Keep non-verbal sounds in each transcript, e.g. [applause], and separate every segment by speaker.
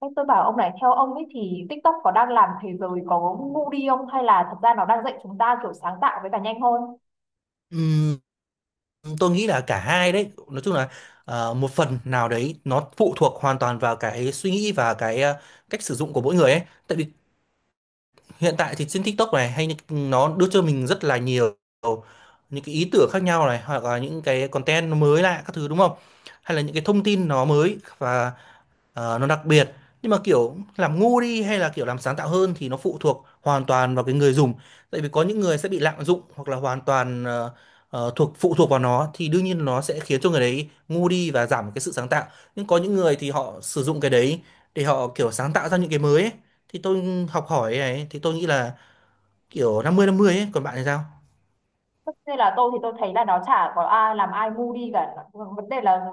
Speaker 1: Em tôi bảo ông này theo ông ấy thì TikTok có đang làm thế giới có ngu đi không hay là thật ra nó đang dạy chúng ta kiểu sáng tạo với cả nhanh hơn?
Speaker 2: Ừm, tôi nghĩ là cả hai đấy nói chung là một phần nào đấy nó phụ thuộc hoàn toàn vào cái suy nghĩ và cái cách sử dụng của mỗi người ấy. Tại vì hiện tại thì trên TikTok này hay nó đưa cho mình rất là nhiều những cái ý tưởng khác nhau này, hoặc là những cái content nó mới lạ các thứ đúng không, hay là những cái thông tin nó mới và nó đặc biệt. Nhưng mà kiểu làm ngu đi hay là kiểu làm sáng tạo hơn thì nó phụ thuộc hoàn toàn vào cái người dùng. Tại vì có những người sẽ bị lạm dụng hoặc là hoàn toàn ờ, ờ, thuộc phụ thuộc vào nó, thì đương nhiên nó sẽ khiến cho người đấy ngu đi và giảm cái sự sáng tạo. Nhưng có những người thì họ sử dụng cái đấy để họ kiểu sáng tạo ra những cái mới ấy. Thì tôi học hỏi này, thì tôi nghĩ là kiểu 50-50 ấy, còn bạn thì sao?
Speaker 1: Tất nhiên là tôi thấy là nó chả có ai làm ai ngu đi cả. Vấn đề là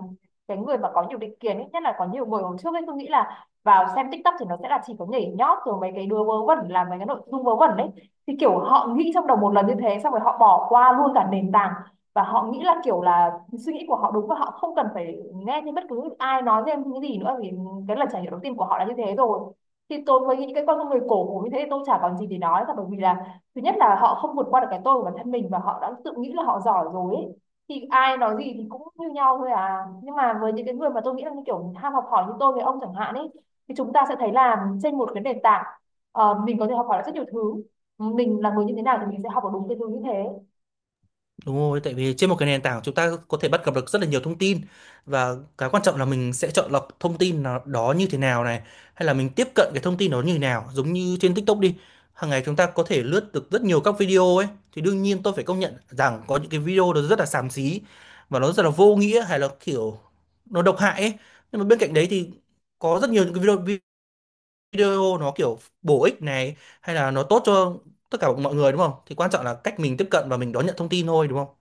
Speaker 1: cái người mà có nhiều định kiến ấy, nhất là có nhiều người hồi trước ấy, tôi nghĩ là vào xem TikTok thì nó sẽ là chỉ có nhảy nhót rồi mấy cái đứa vớ vẩn làm mấy cái nội dung vớ vẩn đấy, thì kiểu họ nghĩ trong đầu một lần như thế xong rồi họ bỏ qua luôn cả nền tảng. Và họ nghĩ là kiểu là suy nghĩ của họ đúng và họ không cần phải nghe thêm bất cứ ai nói thêm những gì nữa, vì cái lần trải nghiệm đầu tiên của họ là như thế rồi. Thì tôi mới nghĩ cái con người cổ hủ như thế thì tôi chả còn gì để nói cả, bởi vì là thứ nhất là họ không vượt qua được cái tôi của bản thân mình và họ đã tự nghĩ là họ giỏi rồi ấy. Thì ai nói gì thì cũng như nhau thôi à, nhưng mà với những cái người mà tôi nghĩ là như kiểu ham học hỏi như tôi với ông chẳng hạn ấy, thì chúng ta sẽ thấy là trên một cái nền tảng, mình có thể học hỏi được rất nhiều thứ. Mình là người như thế nào thì mình sẽ học được đúng cái thứ như thế.
Speaker 2: Đúng rồi, tại vì trên một cái nền tảng chúng ta có thể bắt gặp được rất là nhiều thông tin, và cái quan trọng là mình sẽ chọn lọc thông tin đó như thế nào này, hay là mình tiếp cận cái thông tin đó như thế nào. Giống như trên TikTok đi, hàng ngày chúng ta có thể lướt được rất nhiều các video ấy, thì đương nhiên tôi phải công nhận rằng có những cái video nó rất là xàm xí và nó rất là vô nghĩa, hay là kiểu nó độc hại ấy. Nhưng mà bên cạnh đấy thì có rất nhiều những cái video video nó kiểu bổ ích này, hay là nó tốt cho tất cả mọi người đúng không. Thì quan trọng là cách mình tiếp cận và mình đón nhận thông tin thôi, đúng không?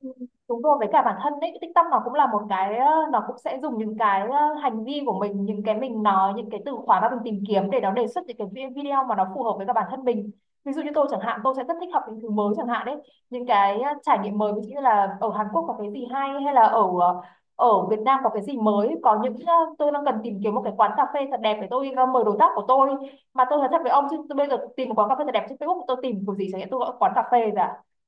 Speaker 1: Ừ. Đúng rồi, với cả bản thân đấy tích tâm nó cũng là một cái, nó cũng sẽ dùng những cái hành vi của mình, những cái mình nói, những cái từ khóa mà mình tìm kiếm để nó đề xuất những cái video mà nó phù hợp với cả bản thân mình. Ví dụ như tôi chẳng hạn, tôi sẽ rất thích học những thứ mới chẳng hạn đấy, những cái trải nghiệm mới, ví dụ như là ở Hàn Quốc có cái gì hay, hay là ở ở Việt Nam có cái gì mới, có những tôi đang cần tìm kiếm một cái quán cà phê thật đẹp để tôi mời đối tác của tôi. Mà tôi nói thật với ông chứ, tôi bây giờ tìm một quán cà phê thật đẹp trên Facebook, tôi tìm kiểu gì chẳng hạn, tôi gọi quán cà phê rồi,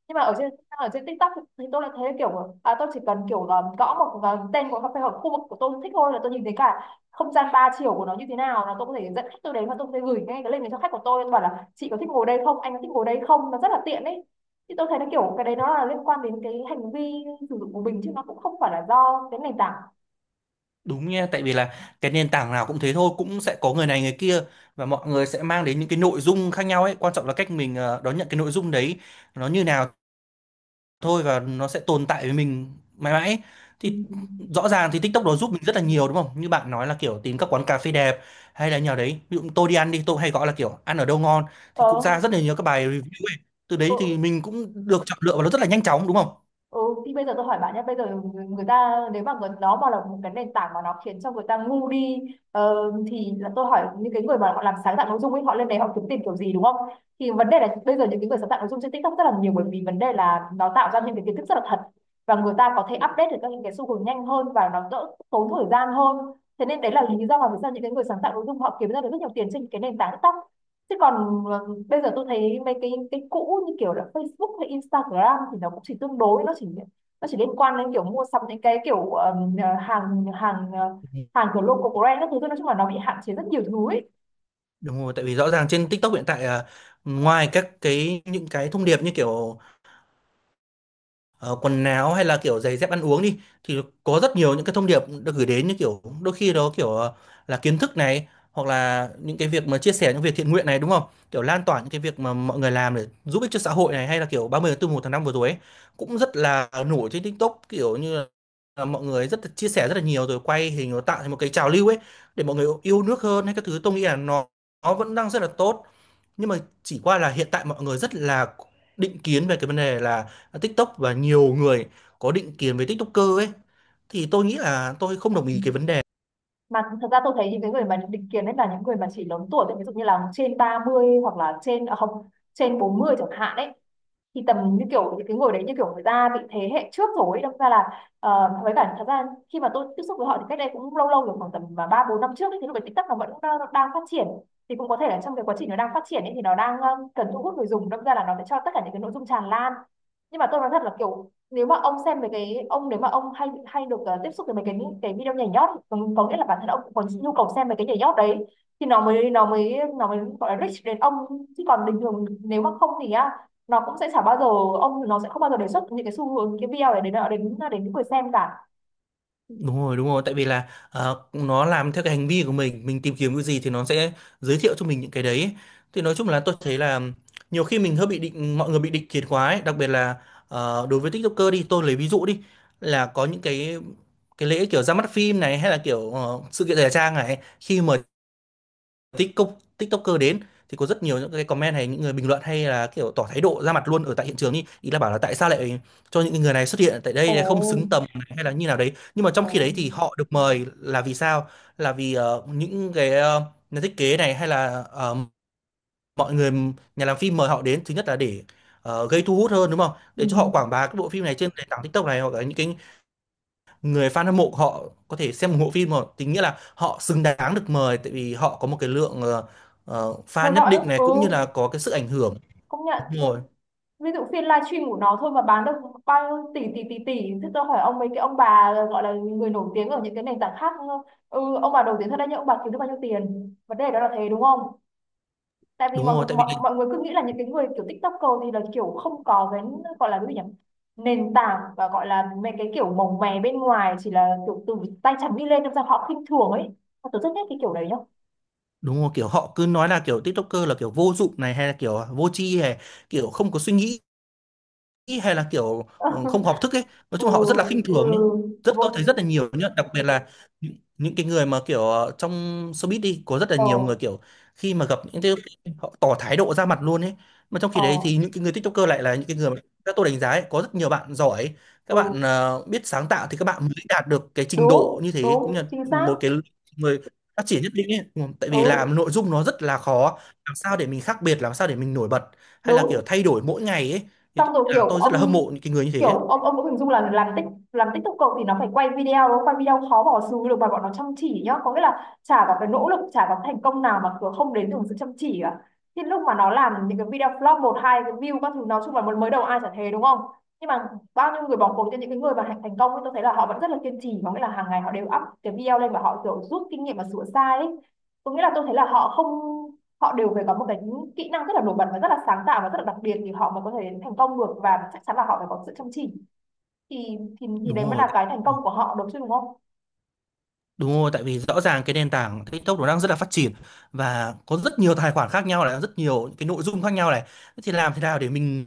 Speaker 1: nhưng mà ở trên, ở trên TikTok thì tôi lại thấy kiểu à, tôi chỉ cần kiểu là gõ một cái tên của cà phê hoặc khu vực của tôi thích thôi là tôi nhìn thấy cả không gian ba chiều của nó như thế nào, là tôi có thể dẫn khách tôi đến và tôi có thể gửi ngay cái link này cho khách của tôi bảo là chị có thích ngồi đây không, anh có thích ngồi đây không, nó rất là tiện ấy. Thì tôi thấy nó kiểu cái đấy nó là liên quan đến cái hành vi sử dụng của mình chứ nó cũng không phải là do cái nền tảng.
Speaker 2: Đúng nha, tại vì là cái nền tảng nào cũng thế thôi, cũng sẽ có người này người kia, và mọi người sẽ mang đến những cái nội dung khác nhau ấy. Quan trọng là cách mình đón nhận cái nội dung đấy nó như nào thôi, và nó sẽ tồn tại với mình mãi mãi ấy.
Speaker 1: Ừ.
Speaker 2: Thì rõ ràng thì TikTok nó giúp mình rất là nhiều đúng không? Như bạn nói là kiểu tìm các quán cà phê đẹp, hay là nhà đấy. Ví dụ tôi đi ăn đi, tôi hay gọi là kiểu ăn ở đâu ngon,
Speaker 1: ờ
Speaker 2: thì cũng ra rất là nhiều các bài review ấy. Từ đấy thì
Speaker 1: ừ.
Speaker 2: mình cũng được chọn lựa và nó rất là nhanh chóng đúng không?
Speaker 1: Ừ, thì bây giờ tôi hỏi bạn nhé, bây giờ người người ta, nếu mà người, nó mà là một cái nền tảng mà nó khiến cho người ta ngu đi, ờ, thì là tôi hỏi những cái người mà họ làm sáng tạo nội dung ấy, họ lên đấy họ kiếm tìm kiểu gì đúng không? Thì vấn đề là bây giờ những cái người sáng tạo nội dung trên TikTok rất là nhiều, bởi vì vấn đề là nó tạo ra những cái kiến thức rất là thật, và người ta có thể update được các những cái xu hướng nhanh hơn và nó đỡ tốn thời gian hơn. Thế nên đấy là lý do mà vì sao những cái người sáng tạo nội dung họ kiếm ra được rất nhiều tiền trên cái nền tảng TikTok. Thế còn bây giờ tôi thấy mấy cái cũ như kiểu là Facebook hay Instagram thì nó cũng chỉ tương đối, nó chỉ liên quan đến kiểu mua sắm những cái kiểu hàng hàng ờ, hàng kiểu local brand các thứ thôi, nói chung là nó bị hạn chế rất nhiều thứ ấy.
Speaker 2: Đúng rồi, tại vì rõ ràng trên TikTok hiện tại à, ngoài các cái những cái thông điệp như kiểu ờ, quần áo hay là kiểu giày dép ăn uống đi, thì có rất nhiều những cái thông điệp được gửi đến, như kiểu đôi khi đó kiểu là kiến thức này, hoặc là những cái việc mà chia sẻ những việc thiện nguyện này đúng không, kiểu lan tỏa những cái việc mà mọi người làm để giúp ích cho xã hội này, hay là kiểu 30 tháng 4 một tháng 5 vừa rồi ấy, cũng rất là nổi trên TikTok, kiểu như là mọi người rất là chia sẻ rất là nhiều, rồi quay hình nó tạo thành một cái trào lưu ấy, để mọi người yêu nước hơn hay các thứ. Tôi nghĩ là nó vẫn đang rất là tốt, nhưng mà chỉ qua là hiện tại mọi người rất là định kiến về cái vấn đề là TikTok, và nhiều người có định kiến với TikToker ấy, thì tôi nghĩ là tôi không đồng ý cái vấn đề.
Speaker 1: Mà thật ra tôi thấy những cái người mà định kiến đấy là những người mà chỉ lớn tuổi thôi, ví dụ như là trên 30, hoặc là trên, à không, trên 40 chẳng hạn đấy. Thì tầm như kiểu những cái người đấy như kiểu người ta bị thế hệ trước rồi ấy, đâm ra là với cả thật ra khi mà tôi tiếp xúc với họ thì cách đây cũng lâu lâu rồi, khoảng tầm mà ba bốn năm trước ấy, thì lúc đấy TikTok nó vẫn đang phát triển. Thì cũng có thể là trong cái quá trình nó đang phát triển ấy, thì nó đang cần thu hút người dùng, đâm ra là nó sẽ cho tất cả những cái nội dung tràn lan. Nhưng mà tôi nói thật là kiểu, nếu mà ông xem về cái ông, nếu mà ông hay hay được tiếp xúc với mấy cái video nhảy nhót, có nghĩa là bản thân ông cũng có nhu cầu xem về cái nhảy nhót đấy, thì nó mới gọi là reach đến ông. Chứ còn bình thường nếu mà không thì á, nó cũng sẽ chả bao giờ, ông nó sẽ không bao giờ đề xuất những cái xu hướng cái video này đến đến đến những người xem cả.
Speaker 2: Đúng rồi, đúng rồi, tại vì là nó làm theo cái hành vi của mình tìm kiếm cái gì thì nó sẽ giới thiệu cho mình những cái đấy. Thì nói chung là tôi thấy là nhiều khi mình hơi bị định, mọi người bị định kiến quá ấy, đặc biệt là đối với TikToker đi, tôi lấy ví dụ đi, là có những cái lễ kiểu ra mắt phim này, hay là kiểu sự kiện thời trang này. Khi mà TikTok TikToker đến thì có rất nhiều những cái comment, hay những người bình luận, hay là kiểu tỏ thái độ ra mặt luôn ở tại hiện trường đi, ý là bảo là tại sao lại cho những người này xuất hiện tại
Speaker 1: Ồ.
Speaker 2: đây, không xứng tầm hay là như nào đấy. Nhưng mà trong
Speaker 1: Ồ.
Speaker 2: khi đấy thì họ được mời là vì sao, là vì những cái nhà thiết kế này, hay là mọi người nhà làm phim mời họ đến, thứ nhất là để gây thu hút hơn đúng không,
Speaker 1: Ừ.
Speaker 2: để cho họ quảng bá cái bộ phim này trên nền tảng TikTok này, hoặc là những cái người fan hâm mộ họ có thể xem ủng hộ phim. Mà tính nghĩa là họ xứng đáng được mời, tại vì họ có một cái lượng
Speaker 1: Theo
Speaker 2: fan nhất
Speaker 1: dõi.
Speaker 2: định này,
Speaker 1: Ừ,
Speaker 2: cũng như là có cái sức ảnh hưởng.
Speaker 1: công nhận.
Speaker 2: Đúng rồi,
Speaker 1: Ví dụ phiên livestream của nó thôi mà bán được bao nhiêu tỷ tỷ tỷ tỷ thế. Tôi hỏi ông, mấy cái ông bà gọi là người nổi tiếng ở những cái nền tảng khác, ừ, ông bà nổi tiếng thật đấy, nhưng ông bà kiếm được bao nhiêu tiền? Vấn đề đó là thế, đúng không? Tại vì
Speaker 2: đúng rồi, tại vì
Speaker 1: mọi người cứ nghĩ là những cái người kiểu TikToker thì là kiểu không có cái gọi là cái gì nhỉ, nền tảng, và gọi là mấy cái kiểu mồng mè bên ngoài, chỉ là kiểu từ tay trắng đi lên, đâm ra họ khinh thường ấy. Mà tôi rất ghét cái kiểu đấy nhá.
Speaker 2: đúng rồi, kiểu họ cứ nói là kiểu TikToker là kiểu vô dụng này, hay là kiểu vô tri, hay kiểu không có suy nghĩ nghĩ, hay là kiểu không học
Speaker 1: [laughs]
Speaker 2: thức ấy. Nói
Speaker 1: Ừ.
Speaker 2: chung họ rất là khinh
Speaker 1: Ừ.
Speaker 2: thường nhé, rất tôi thấy
Speaker 1: Vô.
Speaker 2: rất là nhiều nhá, đặc biệt là những cái người mà kiểu trong showbiz đi, có rất là
Speaker 1: Ờ.
Speaker 2: nhiều người kiểu khi mà gặp những cái, họ tỏ thái độ ra mặt luôn ấy. Mà trong khi
Speaker 1: Ờ.
Speaker 2: đấy thì những cái người TikToker lại là những cái người mà các tôi đánh giá ấy, có rất nhiều bạn giỏi, các
Speaker 1: Ừ.
Speaker 2: bạn biết sáng tạo, thì các bạn mới đạt được cái trình độ
Speaker 1: Đúng
Speaker 2: như thế, cũng
Speaker 1: đúng,
Speaker 2: là
Speaker 1: chính xác.
Speaker 2: một cái người phát triển nhất định ấy. Ừ, tại vì
Speaker 1: Ừ,
Speaker 2: làm nội dung nó rất là khó, làm sao để mình khác biệt, làm sao để mình nổi bật, hay là kiểu
Speaker 1: đúng.
Speaker 2: thay đổi mỗi ngày ấy, thì
Speaker 1: Xong
Speaker 2: tôi
Speaker 1: rồi
Speaker 2: là
Speaker 1: kiểu
Speaker 2: tôi rất là hâm
Speaker 1: ông,
Speaker 2: mộ những cái người như
Speaker 1: kiểu
Speaker 2: thế.
Speaker 1: ông ông cũng hình dung là làm tích, làm TikToker thì nó phải quay video đúng không? Quay video khó bỏ xứ được, mà bọn nó chăm chỉ nhá, có nghĩa là chả có cái nỗ lực, chả có thành công nào mà cứ không đến từ sự chăm chỉ cả. Thì lúc mà nó làm những cái video flop một hai cái view các thứ, nói chung là mới mới đầu ai chả thế đúng không? Nhưng mà bao nhiêu người bỏ cuộc cho những cái người mà thành thành công ấy, tôi thấy là họ vẫn rất là kiên trì, có nghĩa là hàng ngày họ đều up cái video lên và họ kiểu rút kinh nghiệm và sửa sai ấy. Có nghĩa là tôi thấy là họ không, họ đều phải có một cái kỹ năng rất là nổi bật và rất là sáng tạo và rất là đặc biệt thì họ mới có thể đến thành công được, và chắc chắn là họ phải có sự chăm chỉ. Thì
Speaker 2: Đúng
Speaker 1: đấy mới
Speaker 2: rồi.
Speaker 1: là cái thành
Speaker 2: Ừ,
Speaker 1: công của họ, đúng chứ, đúng không?
Speaker 2: đúng rồi, tại vì rõ ràng cái nền tảng TikTok nó đang rất là phát triển, và có rất nhiều tài khoản khác nhau này, rất nhiều những cái nội dung khác nhau này. Thế thì làm thế nào để mình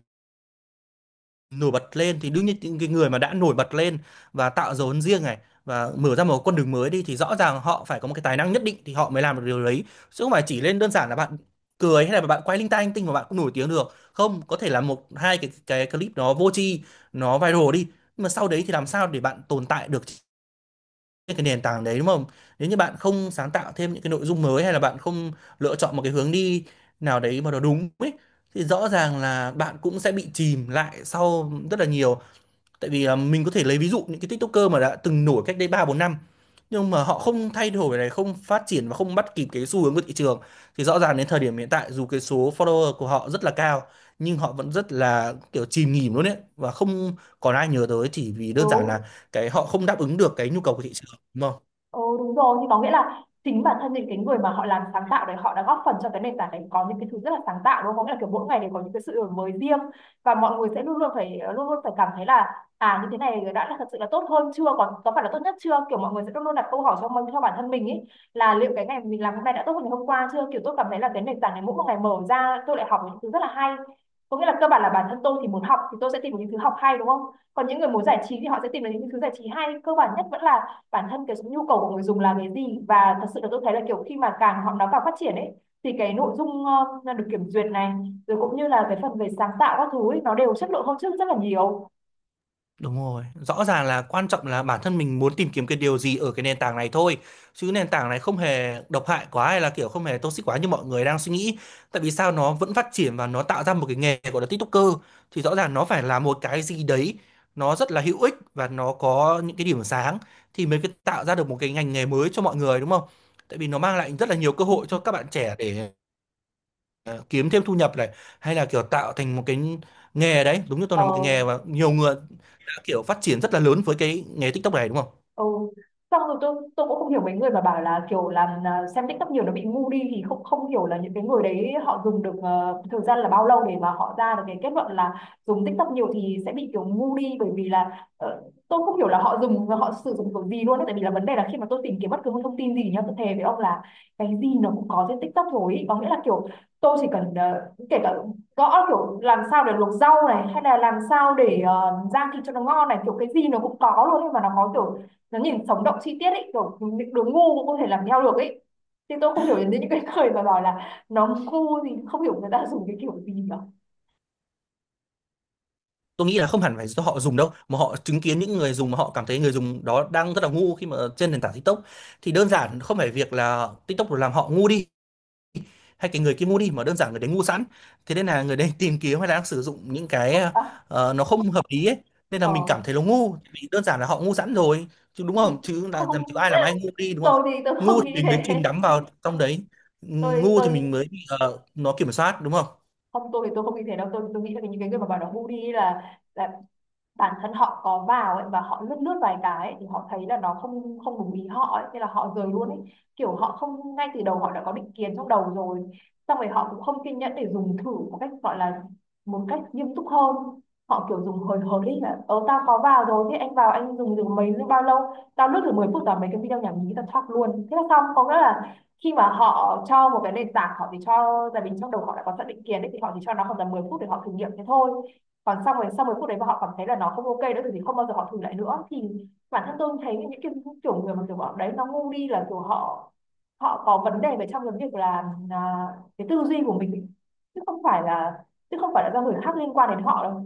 Speaker 2: nổi bật lên, thì đương nhiên những cái người mà đã nổi bật lên và tạo dấu ấn riêng này, và mở ra một con đường mới đi, thì rõ ràng họ phải có một cái tài năng nhất định thì họ mới làm được điều đấy. Chứ không phải chỉ lên đơn giản là bạn cười, hay là bạn quay linh tay linh tinh mà bạn cũng nổi tiếng được. Không, có thể là một hai cái clip nó vô tri nó viral đi, nhưng mà sau đấy thì làm sao để bạn tồn tại được trên cái nền tảng đấy đúng không? Nếu như bạn không sáng tạo thêm những cái nội dung mới, hay là bạn không lựa chọn một cái hướng đi nào đấy mà nó đúng ấy, thì rõ ràng là bạn cũng sẽ bị chìm lại sau rất là nhiều. Tại vì à, mình có thể lấy ví dụ những cái TikToker mà đã từng nổi cách đây 3 4 năm, nhưng mà họ không thay đổi này, không phát triển và không bắt kịp cái xu hướng của thị trường, thì rõ ràng đến thời điểm hiện tại dù cái số follower của họ rất là cao, nhưng họ vẫn rất là kiểu chìm nghỉm luôn ấy, và không còn ai nhớ tới, chỉ vì đơn giản
Speaker 1: Đúng.
Speaker 2: là cái họ không đáp ứng được cái nhu cầu của thị trường đúng không?
Speaker 1: Ừ, đúng rồi, thì có nghĩa là chính bản thân những cái người mà họ làm sáng tạo đấy họ đã góp phần cho cái nền tảng đấy có những cái thứ rất là sáng tạo đúng không? Có nghĩa là kiểu mỗi ngày đều có những cái sự đổi mới riêng và mọi người sẽ luôn luôn phải cảm thấy là à như thế này đã là thật sự là tốt hơn chưa, còn có phải là tốt nhất chưa, kiểu mọi người sẽ luôn luôn đặt câu hỏi cho mình, cho bản thân mình ấy, là liệu cái ngày mình làm hôm nay đã tốt hơn ngày hôm qua chưa. Kiểu tôi cảm thấy là cái nền tảng này mỗi một ngày mở ra tôi lại học những thứ rất là hay. Có nghĩa là cơ bản là bản thân tôi thì muốn học thì tôi sẽ tìm những thứ học hay, đúng không, còn những người muốn giải trí thì họ sẽ tìm đến những thứ giải trí hay. Cơ bản nhất vẫn là bản thân cái nhu cầu của người dùng là cái gì, và thật sự là tôi thấy là kiểu khi mà càng họ nó càng phát triển ấy, thì cái nội dung được kiểm duyệt này, rồi cũng như là cái phần về sáng tạo các thứ ấy, nó đều chất lượng hơn trước rất là nhiều.
Speaker 2: Đúng rồi, rõ ràng là quan trọng là bản thân mình muốn tìm kiếm cái điều gì ở cái nền tảng này thôi, chứ nền tảng này không hề độc hại quá, hay là kiểu không hề toxic quá như mọi người đang suy nghĩ. Tại vì sao nó vẫn phát triển và nó tạo ra một cái nghề gọi là TikToker, thì rõ ràng nó phải là một cái gì đấy nó rất là hữu ích và nó có những cái điểm sáng, thì mới tạo ra được một cái ngành nghề mới cho mọi người đúng không? Tại vì nó mang lại rất là nhiều cơ hội cho các bạn trẻ, để ờ, kiếm thêm thu nhập này, hay là kiểu tạo thành một cái nghề đấy, đúng như tôi
Speaker 1: ờ,
Speaker 2: là một cái nghề, và nhiều người đã kiểu phát triển rất là lớn với cái nghề TikTok này đúng không?
Speaker 1: Ừ. Xong rồi tôi cũng không hiểu mấy người mà bảo là kiểu xem TikTok nhiều nó bị ngu đi, thì không không hiểu là những cái người đấy họ dùng được thời gian là bao lâu để mà họ ra được cái kết luận là dùng TikTok nhiều thì sẽ bị kiểu ngu đi. Bởi vì là tôi không hiểu là họ sử dụng kiểu gì luôn ấy. Tại vì là vấn đề là khi mà tôi tìm kiếm bất cứ một thông tin gì nhá, tôi thề với ông là cái gì nó cũng có trên TikTok rồi ý. Có nghĩa là kiểu tôi chỉ cần, kể cả gõ kiểu làm sao để luộc rau này, hay là làm sao để rang thịt cho nó ngon này, kiểu cái gì nó cũng có luôn, nhưng mà nó có kiểu nó nhìn sống động chi tiết ấy, kiểu những đứa ngu cũng có thể làm theo được ấy. Thì tôi không hiểu đến những cái [laughs] người mà bảo là nó ngu thì không hiểu người ta dùng cái kiểu gì cả.
Speaker 2: Tôi nghĩ là không hẳn phải do họ dùng đâu, mà họ chứng kiến những người dùng mà họ cảm thấy người dùng đó đang rất là ngu khi mà trên nền tảng TikTok. Thì đơn giản không phải việc là TikTok làm họ ngu đi hay cái người kia mua đi, mà đơn giản người đấy ngu sẵn. Thế nên là người đấy tìm kiếm hay là đang sử dụng những cái
Speaker 1: à,
Speaker 2: nó không hợp lý ấy, nên là
Speaker 1: ờ
Speaker 2: mình cảm thấy nó ngu, vì đơn giản là họ ngu sẵn rồi, chứ đúng không,
Speaker 1: [laughs]
Speaker 2: chứ là làm, chứ
Speaker 1: Không,
Speaker 2: ai làm ai ngu đi đúng
Speaker 1: tôi
Speaker 2: không?
Speaker 1: thì tôi
Speaker 2: Ngu
Speaker 1: không
Speaker 2: thì
Speaker 1: nghĩ
Speaker 2: mình mới
Speaker 1: thế.
Speaker 2: chìm đắm vào trong đấy,
Speaker 1: tôi
Speaker 2: ngu thì
Speaker 1: tôi
Speaker 2: mình mới bị nó kiểm soát đúng không?
Speaker 1: tôi thì tôi không nghĩ thế đâu. Tôi nghĩ là những cái người mà bảo nó ngu đi là bản thân họ có vào ấy, và họ lướt lướt vài cái ấy, thì họ thấy là nó không không đúng ý họ ấy, thế là họ rời luôn ấy. Kiểu họ không, ngay từ đầu họ đã có định kiến trong đầu rồi, xong rồi họ cũng không kiên nhẫn để dùng thử một cách gọi là một cách nghiêm túc hơn. Họ kiểu dùng hời hợt ấy, là ờ tao có vào rồi, thế anh vào anh dùng được mấy bao lâu, tao lướt thử 10 phút là mấy cái video nhảm nhí tao thoát luôn thế là xong. Có nghĩa là khi mà họ cho một cái nền tảng, họ chỉ cho, tại vì trong đầu họ đã có sẵn định kiến ấy, thì họ chỉ cho nó khoảng tầm 10 phút để họ thử nghiệm thế thôi. Còn xong rồi sau 10 phút đấy mà họ cảm thấy là nó không ok nữa thì không bao giờ họ thử lại nữa. Thì bản thân tôi thấy những cái kiểu người mà kiểu bọn đấy nó ngu đi là kiểu họ họ có vấn đề về trong cái việc là cái tư duy của mình, chứ không phải là chứ không phải là do người khác liên quan đến họ đâu.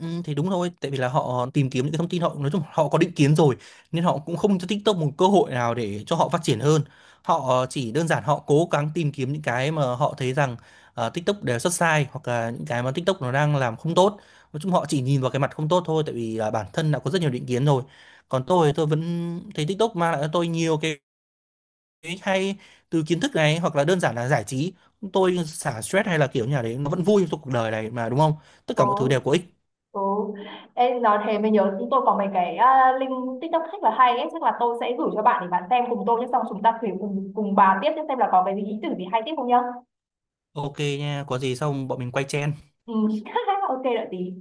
Speaker 2: Ừ, thì đúng thôi, tại vì là họ tìm kiếm những cái thông tin, họ nói chung họ có định kiến rồi, nên họ cũng không cho TikTok một cơ hội nào để cho họ phát triển hơn. Họ chỉ đơn giản họ cố gắng tìm kiếm những cái mà họ thấy rằng TikTok đều xuất sai, hoặc là những cái mà TikTok nó đang làm không tốt. Nói chung họ chỉ nhìn vào cái mặt không tốt thôi, tại vì là bản thân đã có rất nhiều định kiến rồi. Còn tôi vẫn thấy TikTok mang lại cho tôi nhiều cái hay, từ kiến thức này hoặc là đơn giản là giải trí. Tôi xả stress, hay là kiểu như là đấy, nó vẫn vui trong cuộc đời này mà đúng không? Tất cả mọi thứ
Speaker 1: Ừ,
Speaker 2: đều có ích.
Speaker 1: ừ. Ê, nói thế mới nhớ, chúng tôi có mấy cái link TikTok rất là hay ấy. Chắc là tôi sẽ gửi cho bạn để bạn xem cùng tôi nhé, xong chúng ta thử cùng cùng bà tiếp nhé, xem là có cái ý tưởng gì hay tiếp không nhá.
Speaker 2: Ok nha, có gì xong bọn mình quay chen.
Speaker 1: Ừ. [laughs] Ok, đợi tí.